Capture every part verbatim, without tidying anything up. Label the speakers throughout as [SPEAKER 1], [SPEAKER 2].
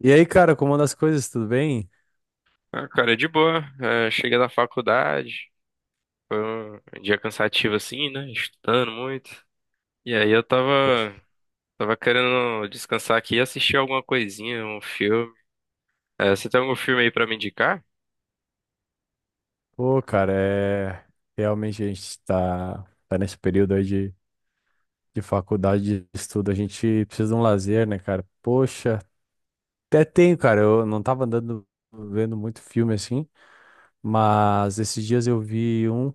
[SPEAKER 1] E aí, cara, como anda as coisas? Tudo bem?
[SPEAKER 2] Ah, cara, é de boa. É, cheguei da faculdade, foi um dia cansativo assim, né? Estudando muito. E aí eu tava,
[SPEAKER 1] Poxa.
[SPEAKER 2] tava querendo descansar aqui e assistir alguma coisinha, um filme. É, você tem algum filme aí pra me indicar?
[SPEAKER 1] Pô, cara, é... realmente a gente tá, tá nesse período aí de, de faculdade, de estudo, a gente precisa de um lazer, né, cara? Poxa, até tenho, cara, eu não tava andando, vendo muito filme assim, mas esses dias eu vi um,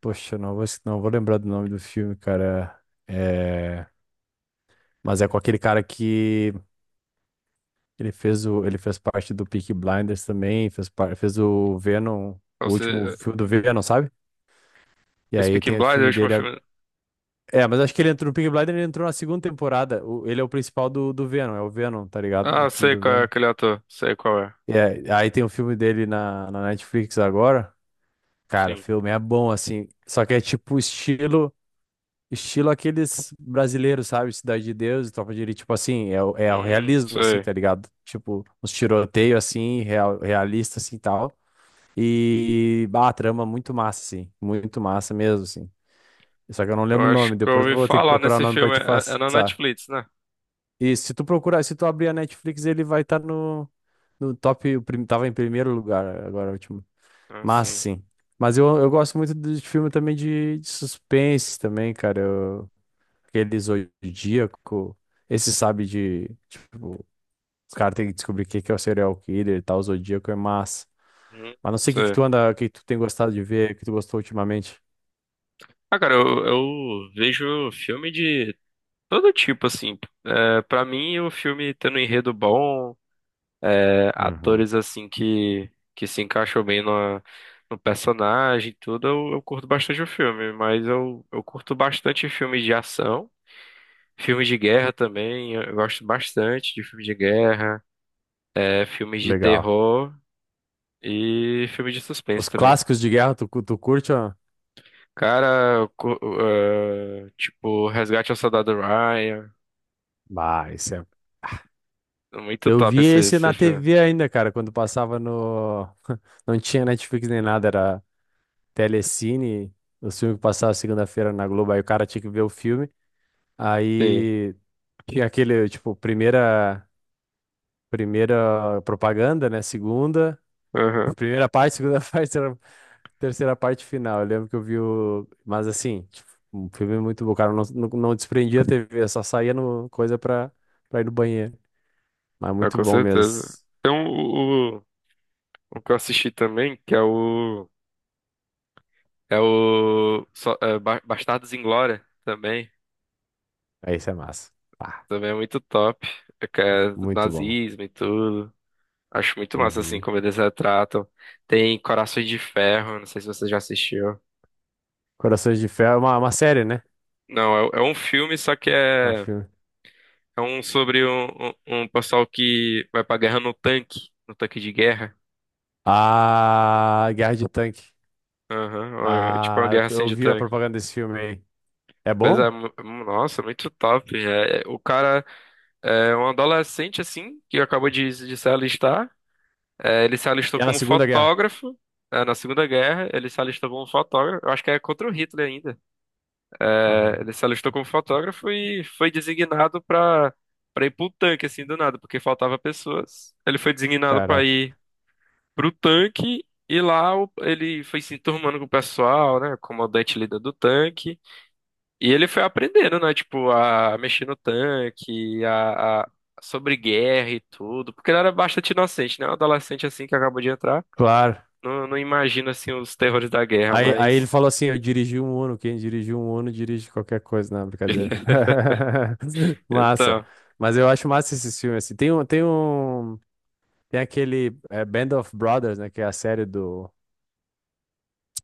[SPEAKER 1] poxa, não vou, não vou lembrar do nome do filme, cara, é... mas é com aquele cara que ele fez, o... ele fez parte do Peaky Blinders também, fez, par... fez o Venom,
[SPEAKER 2] Ou
[SPEAKER 1] o último
[SPEAKER 2] você,
[SPEAKER 1] filme do Venom, sabe? E
[SPEAKER 2] é,
[SPEAKER 1] aí
[SPEAKER 2] Speaking
[SPEAKER 1] tem o
[SPEAKER 2] Blind, é o
[SPEAKER 1] filme
[SPEAKER 2] último
[SPEAKER 1] dele. ag-
[SPEAKER 2] filme.
[SPEAKER 1] É, mas acho que ele entrou no Peaky Blinders, ele entrou na segunda temporada. O- ele é o principal do, do Venom, é o Venom, tá ligado? No
[SPEAKER 2] Ah,
[SPEAKER 1] filme
[SPEAKER 2] sei
[SPEAKER 1] do
[SPEAKER 2] qual é
[SPEAKER 1] Venom.
[SPEAKER 2] aquele ator, sei qual é.
[SPEAKER 1] E aí, aí tem o filme dele na, na Netflix agora. Cara, o
[SPEAKER 2] Sim.
[SPEAKER 1] filme é bom, assim. Só que é tipo estilo, estilo aqueles brasileiros, sabe? Cidade de Deus e Tropa de Elite. Tipo assim, é, o- é o
[SPEAKER 2] Hum,
[SPEAKER 1] realismo, assim,
[SPEAKER 2] sei.
[SPEAKER 1] tá ligado? Tipo, uns tiroteios, assim, real, realista, assim, e tal. E, bah, a trama é muito massa, assim. Muito massa mesmo, assim. Só que eu não
[SPEAKER 2] Eu
[SPEAKER 1] lembro o
[SPEAKER 2] acho
[SPEAKER 1] nome.
[SPEAKER 2] que eu
[SPEAKER 1] Depois eu
[SPEAKER 2] ouvi
[SPEAKER 1] vou ter que
[SPEAKER 2] falar
[SPEAKER 1] procurar o
[SPEAKER 2] nesse
[SPEAKER 1] nome pra
[SPEAKER 2] filme.
[SPEAKER 1] te
[SPEAKER 2] É, é na
[SPEAKER 1] passar.
[SPEAKER 2] Netflix, né?
[SPEAKER 1] E se tu procurar, se tu abrir a Netflix, ele vai estar no, no top. o prim- Tava em primeiro lugar agora, o último.
[SPEAKER 2] Ah,
[SPEAKER 1] Mas
[SPEAKER 2] sim.
[SPEAKER 1] sim. Mas eu, eu gosto muito de filme também de, de suspense também, cara. Eu, aquele Zodíaco. Esse sabe de. Tipo, os caras têm que descobrir o que que é o serial killer e tal. O Zodíaco é massa.
[SPEAKER 2] Hum,
[SPEAKER 1] Mas não sei o que que
[SPEAKER 2] sei.
[SPEAKER 1] tu anda, o que que tu tem gostado de ver, o que tu gostou ultimamente.
[SPEAKER 2] Ah, cara, eu, eu vejo filme de todo tipo, assim. É, para mim, o filme tendo um enredo bom, é,
[SPEAKER 1] Uhum.
[SPEAKER 2] atores, assim, que, que se encaixam bem no, no personagem e tudo, eu, eu curto bastante o filme. Mas eu, eu curto bastante filmes de ação, filmes de guerra também. Eu, eu gosto bastante de filmes de guerra, é, filmes de
[SPEAKER 1] Legal.
[SPEAKER 2] terror e filmes de suspense
[SPEAKER 1] Os
[SPEAKER 2] também.
[SPEAKER 1] clássicos de guerra, tu, cu- tu curte, ó?
[SPEAKER 2] Cara, eu cu- eh, tipo, Resgate ao Soldado Ryan.
[SPEAKER 1] Bah, esse é...
[SPEAKER 2] Muito
[SPEAKER 1] Eu
[SPEAKER 2] top
[SPEAKER 1] vi
[SPEAKER 2] esse,
[SPEAKER 1] esse
[SPEAKER 2] esse
[SPEAKER 1] na
[SPEAKER 2] filme.
[SPEAKER 1] T V ainda, cara, quando passava no. Não tinha Netflix nem nada, era Telecine, o filme que passava segunda-feira na Globo, aí o cara tinha que ver o filme.
[SPEAKER 2] Sim.
[SPEAKER 1] Aí tinha aquele, tipo, primeira, primeira propaganda, né? Segunda, primeira parte, segunda parte, terceira terceira parte final. Eu lembro que eu vi o. Mas assim, tipo, um filme muito bom, cara. Não, não, não desprendia a T V, só saía no... coisa pra, pra ir no banheiro. Mas
[SPEAKER 2] Ah,
[SPEAKER 1] muito
[SPEAKER 2] com
[SPEAKER 1] bom mesmo.
[SPEAKER 2] certeza. Então, o, o, o que eu assisti também, que é o, é o só- é, Ba- Bastardos Inglória também.
[SPEAKER 1] Aí isso é massa. Pá,
[SPEAKER 2] Também é muito top. É que é
[SPEAKER 1] muito bom.
[SPEAKER 2] nazismo e tudo. Acho muito massa, assim,
[SPEAKER 1] Uhum.
[SPEAKER 2] como eles retratam. Tem Corações de Ferro, não sei se você já assistiu.
[SPEAKER 1] Corações de Ferro é uma, uma série, né?
[SPEAKER 2] Não, é, é um filme, só que
[SPEAKER 1] É um
[SPEAKER 2] é,
[SPEAKER 1] filme.
[SPEAKER 2] é um sobre um, um, um pessoal que vai pra guerra no tanque, no tanque de guerra.
[SPEAKER 1] Ah, Guerra de Tanque.
[SPEAKER 2] Aham, ó, é tipo uma
[SPEAKER 1] Ah, eu
[SPEAKER 2] guerra
[SPEAKER 1] tô-
[SPEAKER 2] assim
[SPEAKER 1] eu
[SPEAKER 2] de
[SPEAKER 1] vi a
[SPEAKER 2] tanque.
[SPEAKER 1] propaganda desse filme aí. É
[SPEAKER 2] Pois é,
[SPEAKER 1] bom?
[SPEAKER 2] mu- nossa, muito top. É, é, o cara é um adolescente, assim, que acabou de, de se alistar. É, ele se alistou
[SPEAKER 1] É na
[SPEAKER 2] como
[SPEAKER 1] Segunda Guerra.
[SPEAKER 2] fotógrafo, é, na Segunda Guerra. Ele se alistou como fotógrafo. Eu acho que é contra o Hitler ainda. É,
[SPEAKER 1] Aham.
[SPEAKER 2] ele se alistou como fotógrafo e foi designado para para ir pro tanque, assim, do nada, porque faltava pessoas. Ele foi designado para
[SPEAKER 1] Caraca.
[SPEAKER 2] ir pro tanque. E lá o- ele foi se enturmando com o pessoal, né? Comandante líder do tanque. E ele foi aprendendo, né? Tipo, a mexer no tanque, a, a- sobre guerra e tudo. Porque ele era bastante inocente, né? Um adolescente assim que acabou de entrar.
[SPEAKER 1] Claro.
[SPEAKER 2] Não, não imagina, assim, os terrores da guerra,
[SPEAKER 1] Aí, aí ele
[SPEAKER 2] mas.
[SPEAKER 1] falou assim: eu dirigi um Uno. Quem dirigiu um Uno dirige qualquer coisa. Não, brincadeira. Massa.
[SPEAKER 2] Então,
[SPEAKER 1] Mas eu acho massa esse filme, assim. Tem um, tem um, tem aquele é, Band of Brothers, né? Que é a série do,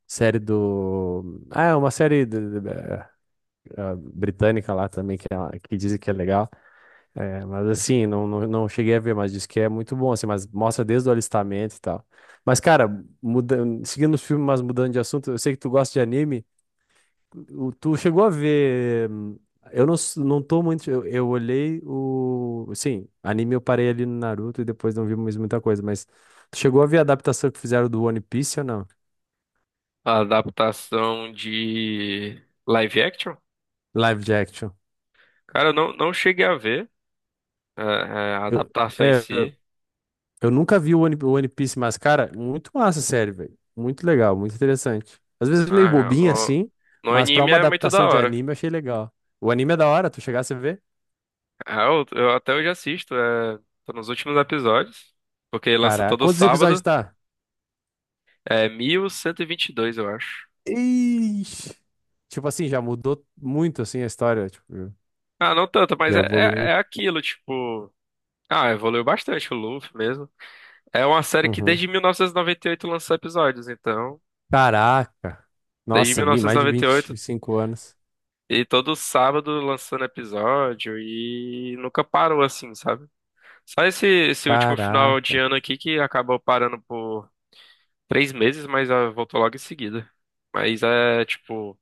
[SPEAKER 1] Série do. Ah, é uma série do- do- eh, ah, britânica lá também, que, é- que dizem que é legal. É, mas assim, não, não, não cheguei a ver, mas diz que é muito bom, assim, mas mostra desde o alistamento e tal. Mas, cara, muda... seguindo os filmes, mas mudando de assunto, eu sei que tu gosta de anime. O- Tu chegou a ver. hum, Eu não, s- não tô muito. Eu, eu olhei o. Sim, anime eu parei ali no Naruto e depois não vi mais muita coisa, mas tu chegou a ver a adaptação que fizeram do One Piece ou não?
[SPEAKER 2] a adaptação de live action?
[SPEAKER 1] Live de action.
[SPEAKER 2] Cara, eu não, não cheguei a ver é, é, a
[SPEAKER 1] Eu-
[SPEAKER 2] adaptação em
[SPEAKER 1] é,
[SPEAKER 2] si.
[SPEAKER 1] Eu nunca vi o One, o One Piece, mas, cara, muito massa a série, velho. Muito legal, muito interessante. Às vezes meio
[SPEAKER 2] Ah,
[SPEAKER 1] bobinha,
[SPEAKER 2] no,
[SPEAKER 1] assim,
[SPEAKER 2] no
[SPEAKER 1] mas pra
[SPEAKER 2] anime
[SPEAKER 1] uma
[SPEAKER 2] é muito da
[SPEAKER 1] adaptação de
[SPEAKER 2] hora.
[SPEAKER 1] anime eu achei legal. O anime é da hora, tu chegasse a ver?
[SPEAKER 2] Ah, eu, eu até hoje assisto, é, tô nos últimos episódios. Porque lança
[SPEAKER 1] Caraca,
[SPEAKER 2] todo
[SPEAKER 1] quantos episódios
[SPEAKER 2] sábado.
[SPEAKER 1] tá?
[SPEAKER 2] É mil cento e e vinte e dois eu acho.
[SPEAKER 1] Ixi. Tipo assim, já mudou muito, assim, a história, tipo,
[SPEAKER 2] Ah, não tanto, mas
[SPEAKER 1] já
[SPEAKER 2] é, é,
[SPEAKER 1] evoluiu.
[SPEAKER 2] é aquilo, tipo. Ah, evoluiu bastante o Luffy mesmo. É uma série que
[SPEAKER 1] Uhum.
[SPEAKER 2] desde mil novecentos e e noventa e oito lançou episódios, então.
[SPEAKER 1] Caraca.
[SPEAKER 2] Desde
[SPEAKER 1] Nossa, vi mais de vinte
[SPEAKER 2] mil novecentos e noventa e oito, e noventa e
[SPEAKER 1] e
[SPEAKER 2] oito.
[SPEAKER 1] cinco anos.
[SPEAKER 2] E todo sábado lançando episódio, e nunca parou assim, sabe? Só esse, esse último final de
[SPEAKER 1] Caraca.
[SPEAKER 2] ano aqui que acabou parando por três meses, mas ah, voltou logo em seguida. Mas é, tipo.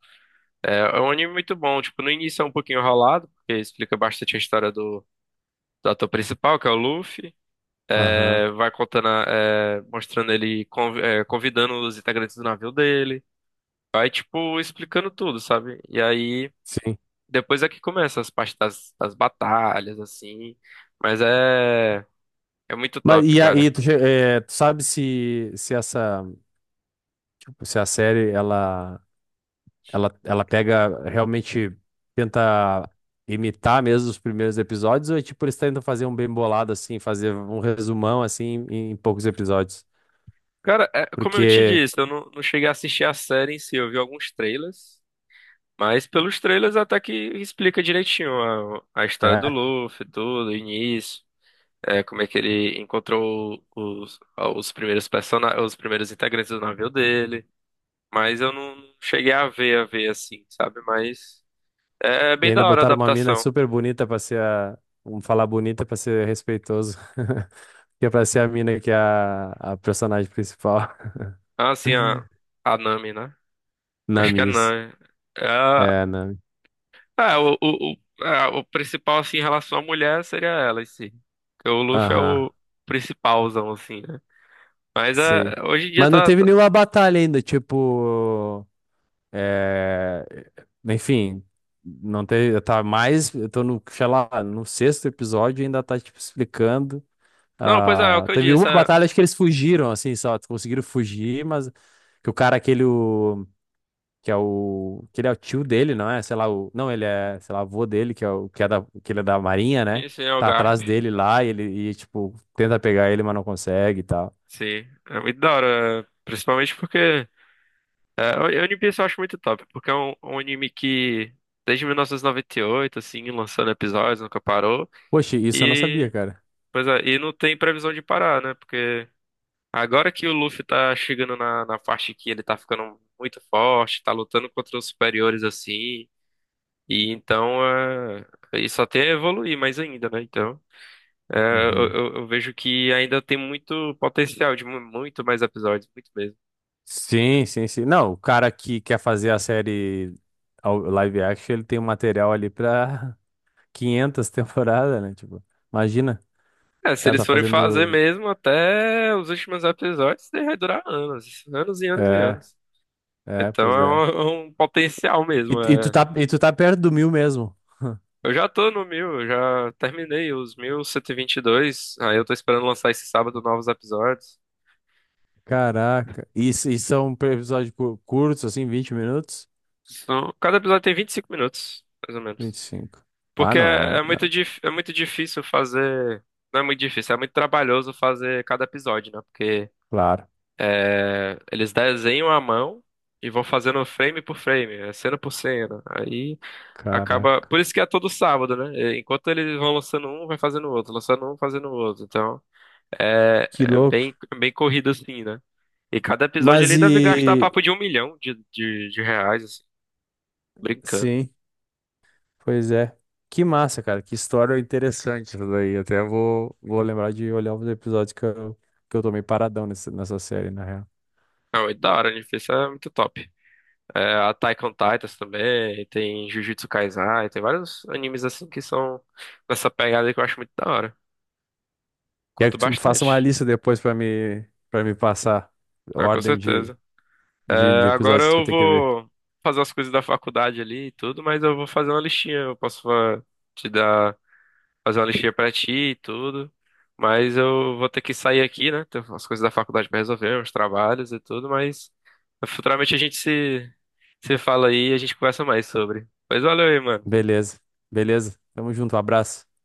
[SPEAKER 2] É, é um anime muito bom. Tipo, no início é um pouquinho enrolado, porque explica bastante a história do do ator principal, que é o Luffy,
[SPEAKER 1] Aham.
[SPEAKER 2] é, vai contando, a- é, mostrando ele, conv- é, convidando os integrantes do navio dele, vai, tipo, explicando tudo, sabe? E aí,
[SPEAKER 1] Sim.
[SPEAKER 2] depois é que começa as partes das, das, batalhas, assim, mas é, é muito
[SPEAKER 1] Mas
[SPEAKER 2] top,
[SPEAKER 1] e
[SPEAKER 2] cara.
[SPEAKER 1] aí, tu, che- eh, tu sabe se, se essa, tipo, se a série, ela Ela, ela pega, realmente tenta imitar mesmo os primeiros episódios, ou é tipo, eles tentam fazer um bem bolado, assim, fazer um resumão, assim, em, em poucos episódios?
[SPEAKER 2] Cara, é, como eu te
[SPEAKER 1] Porque,
[SPEAKER 2] disse, eu não, não cheguei a assistir a série em si, eu vi alguns trailers, mas pelos trailers até que explica direitinho a, a história do
[SPEAKER 1] é,
[SPEAKER 2] Luffy, tudo, o início. é, como é que ele encontrou os, os primeiros persona os primeiros integrantes do navio dele. Mas eu não cheguei a ver, a ver assim, sabe? Mas é
[SPEAKER 1] e
[SPEAKER 2] bem
[SPEAKER 1] ainda
[SPEAKER 2] da hora a
[SPEAKER 1] botaram uma mina
[SPEAKER 2] adaptação.
[SPEAKER 1] super bonita pra ser a, vamos falar bonita pra ser respeitoso, que é pra ser a mina que é a, a personagem principal,
[SPEAKER 2] Ah, assim, a, a Nami, né? Acho que é a
[SPEAKER 1] Namis.
[SPEAKER 2] Nami. É, a-
[SPEAKER 1] É, Nami.
[SPEAKER 2] é, o, o, o, é, o principal, assim, em relação à mulher seria ela em si. Porque o Luffy é
[SPEAKER 1] Aham,
[SPEAKER 2] o principalzão, assim, né? Mas
[SPEAKER 1] sim.
[SPEAKER 2] é, hoje em dia
[SPEAKER 1] Mas não
[SPEAKER 2] tá,
[SPEAKER 1] teve
[SPEAKER 2] tá-
[SPEAKER 1] nenhuma batalha ainda, tipo. É, enfim, não teve, tá mais, eu tô no, sei lá, no sexto episódio e ainda tá, tipo, explicando.
[SPEAKER 2] Não, pois é, é, o
[SPEAKER 1] Ah,
[SPEAKER 2] que eu
[SPEAKER 1] teve
[SPEAKER 2] disse.
[SPEAKER 1] uma
[SPEAKER 2] É,
[SPEAKER 1] batalha, acho que eles fugiram, assim, só conseguiram fugir, mas que o cara, aquele, o, que é o, que ele é o tio dele, não é? Sei lá, o, não, ele é, sei lá, avô dele, que é o, que é da, que ele é da Marinha, né?
[SPEAKER 2] esse é o
[SPEAKER 1] Tá
[SPEAKER 2] Garp.
[SPEAKER 1] atrás dele lá e ele, e, tipo, tenta pegar ele, mas não consegue e tal.
[SPEAKER 2] Sim, é muito da hora. Principalmente porque. É, o- One Piece eu acho muito top, porque é um, um anime que desde mil novecentos e noventa e oito, assim, lançando episódios, nunca parou.
[SPEAKER 1] Poxa, isso eu não sabia,
[SPEAKER 2] E,
[SPEAKER 1] cara.
[SPEAKER 2] pois é, e não tem previsão de parar, né? Porque agora que o Luffy tá chegando na, na parte que ele tá ficando muito forte, tá lutando contra os superiores, assim, e então é, isso até evoluir mais ainda, né? Então, é, eu,
[SPEAKER 1] Uhum.
[SPEAKER 2] eu eu vejo que ainda tem muito potencial de mu- muito mais episódios, muito mesmo.
[SPEAKER 1] Sim, sim, sim. Não, o cara que quer fazer a série ao- live action, ele tem um material ali pra quinhentas temporadas, né? Tipo, imagina,
[SPEAKER 2] É,
[SPEAKER 1] o
[SPEAKER 2] se
[SPEAKER 1] cara
[SPEAKER 2] eles
[SPEAKER 1] tá
[SPEAKER 2] forem fazer
[SPEAKER 1] fazendo.
[SPEAKER 2] mesmo até os últimos episódios, isso vai durar anos, anos e anos e
[SPEAKER 1] É,
[SPEAKER 2] anos.
[SPEAKER 1] é,
[SPEAKER 2] Então
[SPEAKER 1] pois é.
[SPEAKER 2] é um, é um potencial
[SPEAKER 1] E,
[SPEAKER 2] mesmo.
[SPEAKER 1] e tu
[SPEAKER 2] É.
[SPEAKER 1] tá, e tu tá perto do mil mesmo.
[SPEAKER 2] Eu já tô no mil, eu já terminei os mil cento e e vinte e dois aí eu tô esperando lançar esse sábado novos episódios.
[SPEAKER 1] Caraca. E, s- e são episódios cu- curtos, assim, vinte minutos?
[SPEAKER 2] São- cada episódio tem vinte e cinco minutos, mais ou
[SPEAKER 1] vinte
[SPEAKER 2] menos.
[SPEAKER 1] e cinco Ah,
[SPEAKER 2] Porque
[SPEAKER 1] não
[SPEAKER 2] é,
[SPEAKER 1] é?
[SPEAKER 2] é muito,
[SPEAKER 1] Não.
[SPEAKER 2] dif- é muito difícil fazer. Não é muito difícil, é muito trabalhoso fazer cada episódio, né? Porque
[SPEAKER 1] Claro.
[SPEAKER 2] é, eles desenham à mão e vão fazendo frame por frame, é, cena por cena. Aí acaba.
[SPEAKER 1] Caraca.
[SPEAKER 2] Por isso que é todo sábado, né? É, Enquanto eles vão lançando um, vai fazendo outro, lançando um, fazendo outro. Então é,
[SPEAKER 1] Que
[SPEAKER 2] é
[SPEAKER 1] louco.
[SPEAKER 2] bem, é bem corrido assim, né? E cada episódio
[SPEAKER 1] Mas
[SPEAKER 2] ali deve gastar
[SPEAKER 1] e.
[SPEAKER 2] papo de um milhão de, de, de reais, assim, brincando.
[SPEAKER 1] Sim. Pois é. Que massa, cara. Que história interessante isso daí. Até vou, vou lembrar de olhar os episódios que eu, que eu tô meio paradão nessa, nessa série, na real.
[SPEAKER 2] Não, é da hora, né? Isso é muito top. É, Attack on Titans também, tem Jujutsu Kaisen, tem vários animes assim que são nessa pegada que eu acho muito da hora.
[SPEAKER 1] Quer
[SPEAKER 2] Curto
[SPEAKER 1] que tu faça uma
[SPEAKER 2] bastante.
[SPEAKER 1] lista depois pra me, para me passar
[SPEAKER 2] Ah, com
[SPEAKER 1] ordem de,
[SPEAKER 2] certeza. É,
[SPEAKER 1] de, de
[SPEAKER 2] agora
[SPEAKER 1] episódios que eu
[SPEAKER 2] eu
[SPEAKER 1] tenho que ver.
[SPEAKER 2] vou fazer as coisas da faculdade ali e tudo, mas eu vou fazer uma listinha. Eu posso fa- te dar, fazer uma listinha pra ti e tudo. Mas eu vou ter que sair aqui, né? Tem as coisas da faculdade pra resolver, os trabalhos e tudo, mas futuramente a gente se, se fala aí e a gente conversa mais sobre. Mas valeu aí, mano.
[SPEAKER 1] Beleza. Beleza. Tamo junto. Um abraço.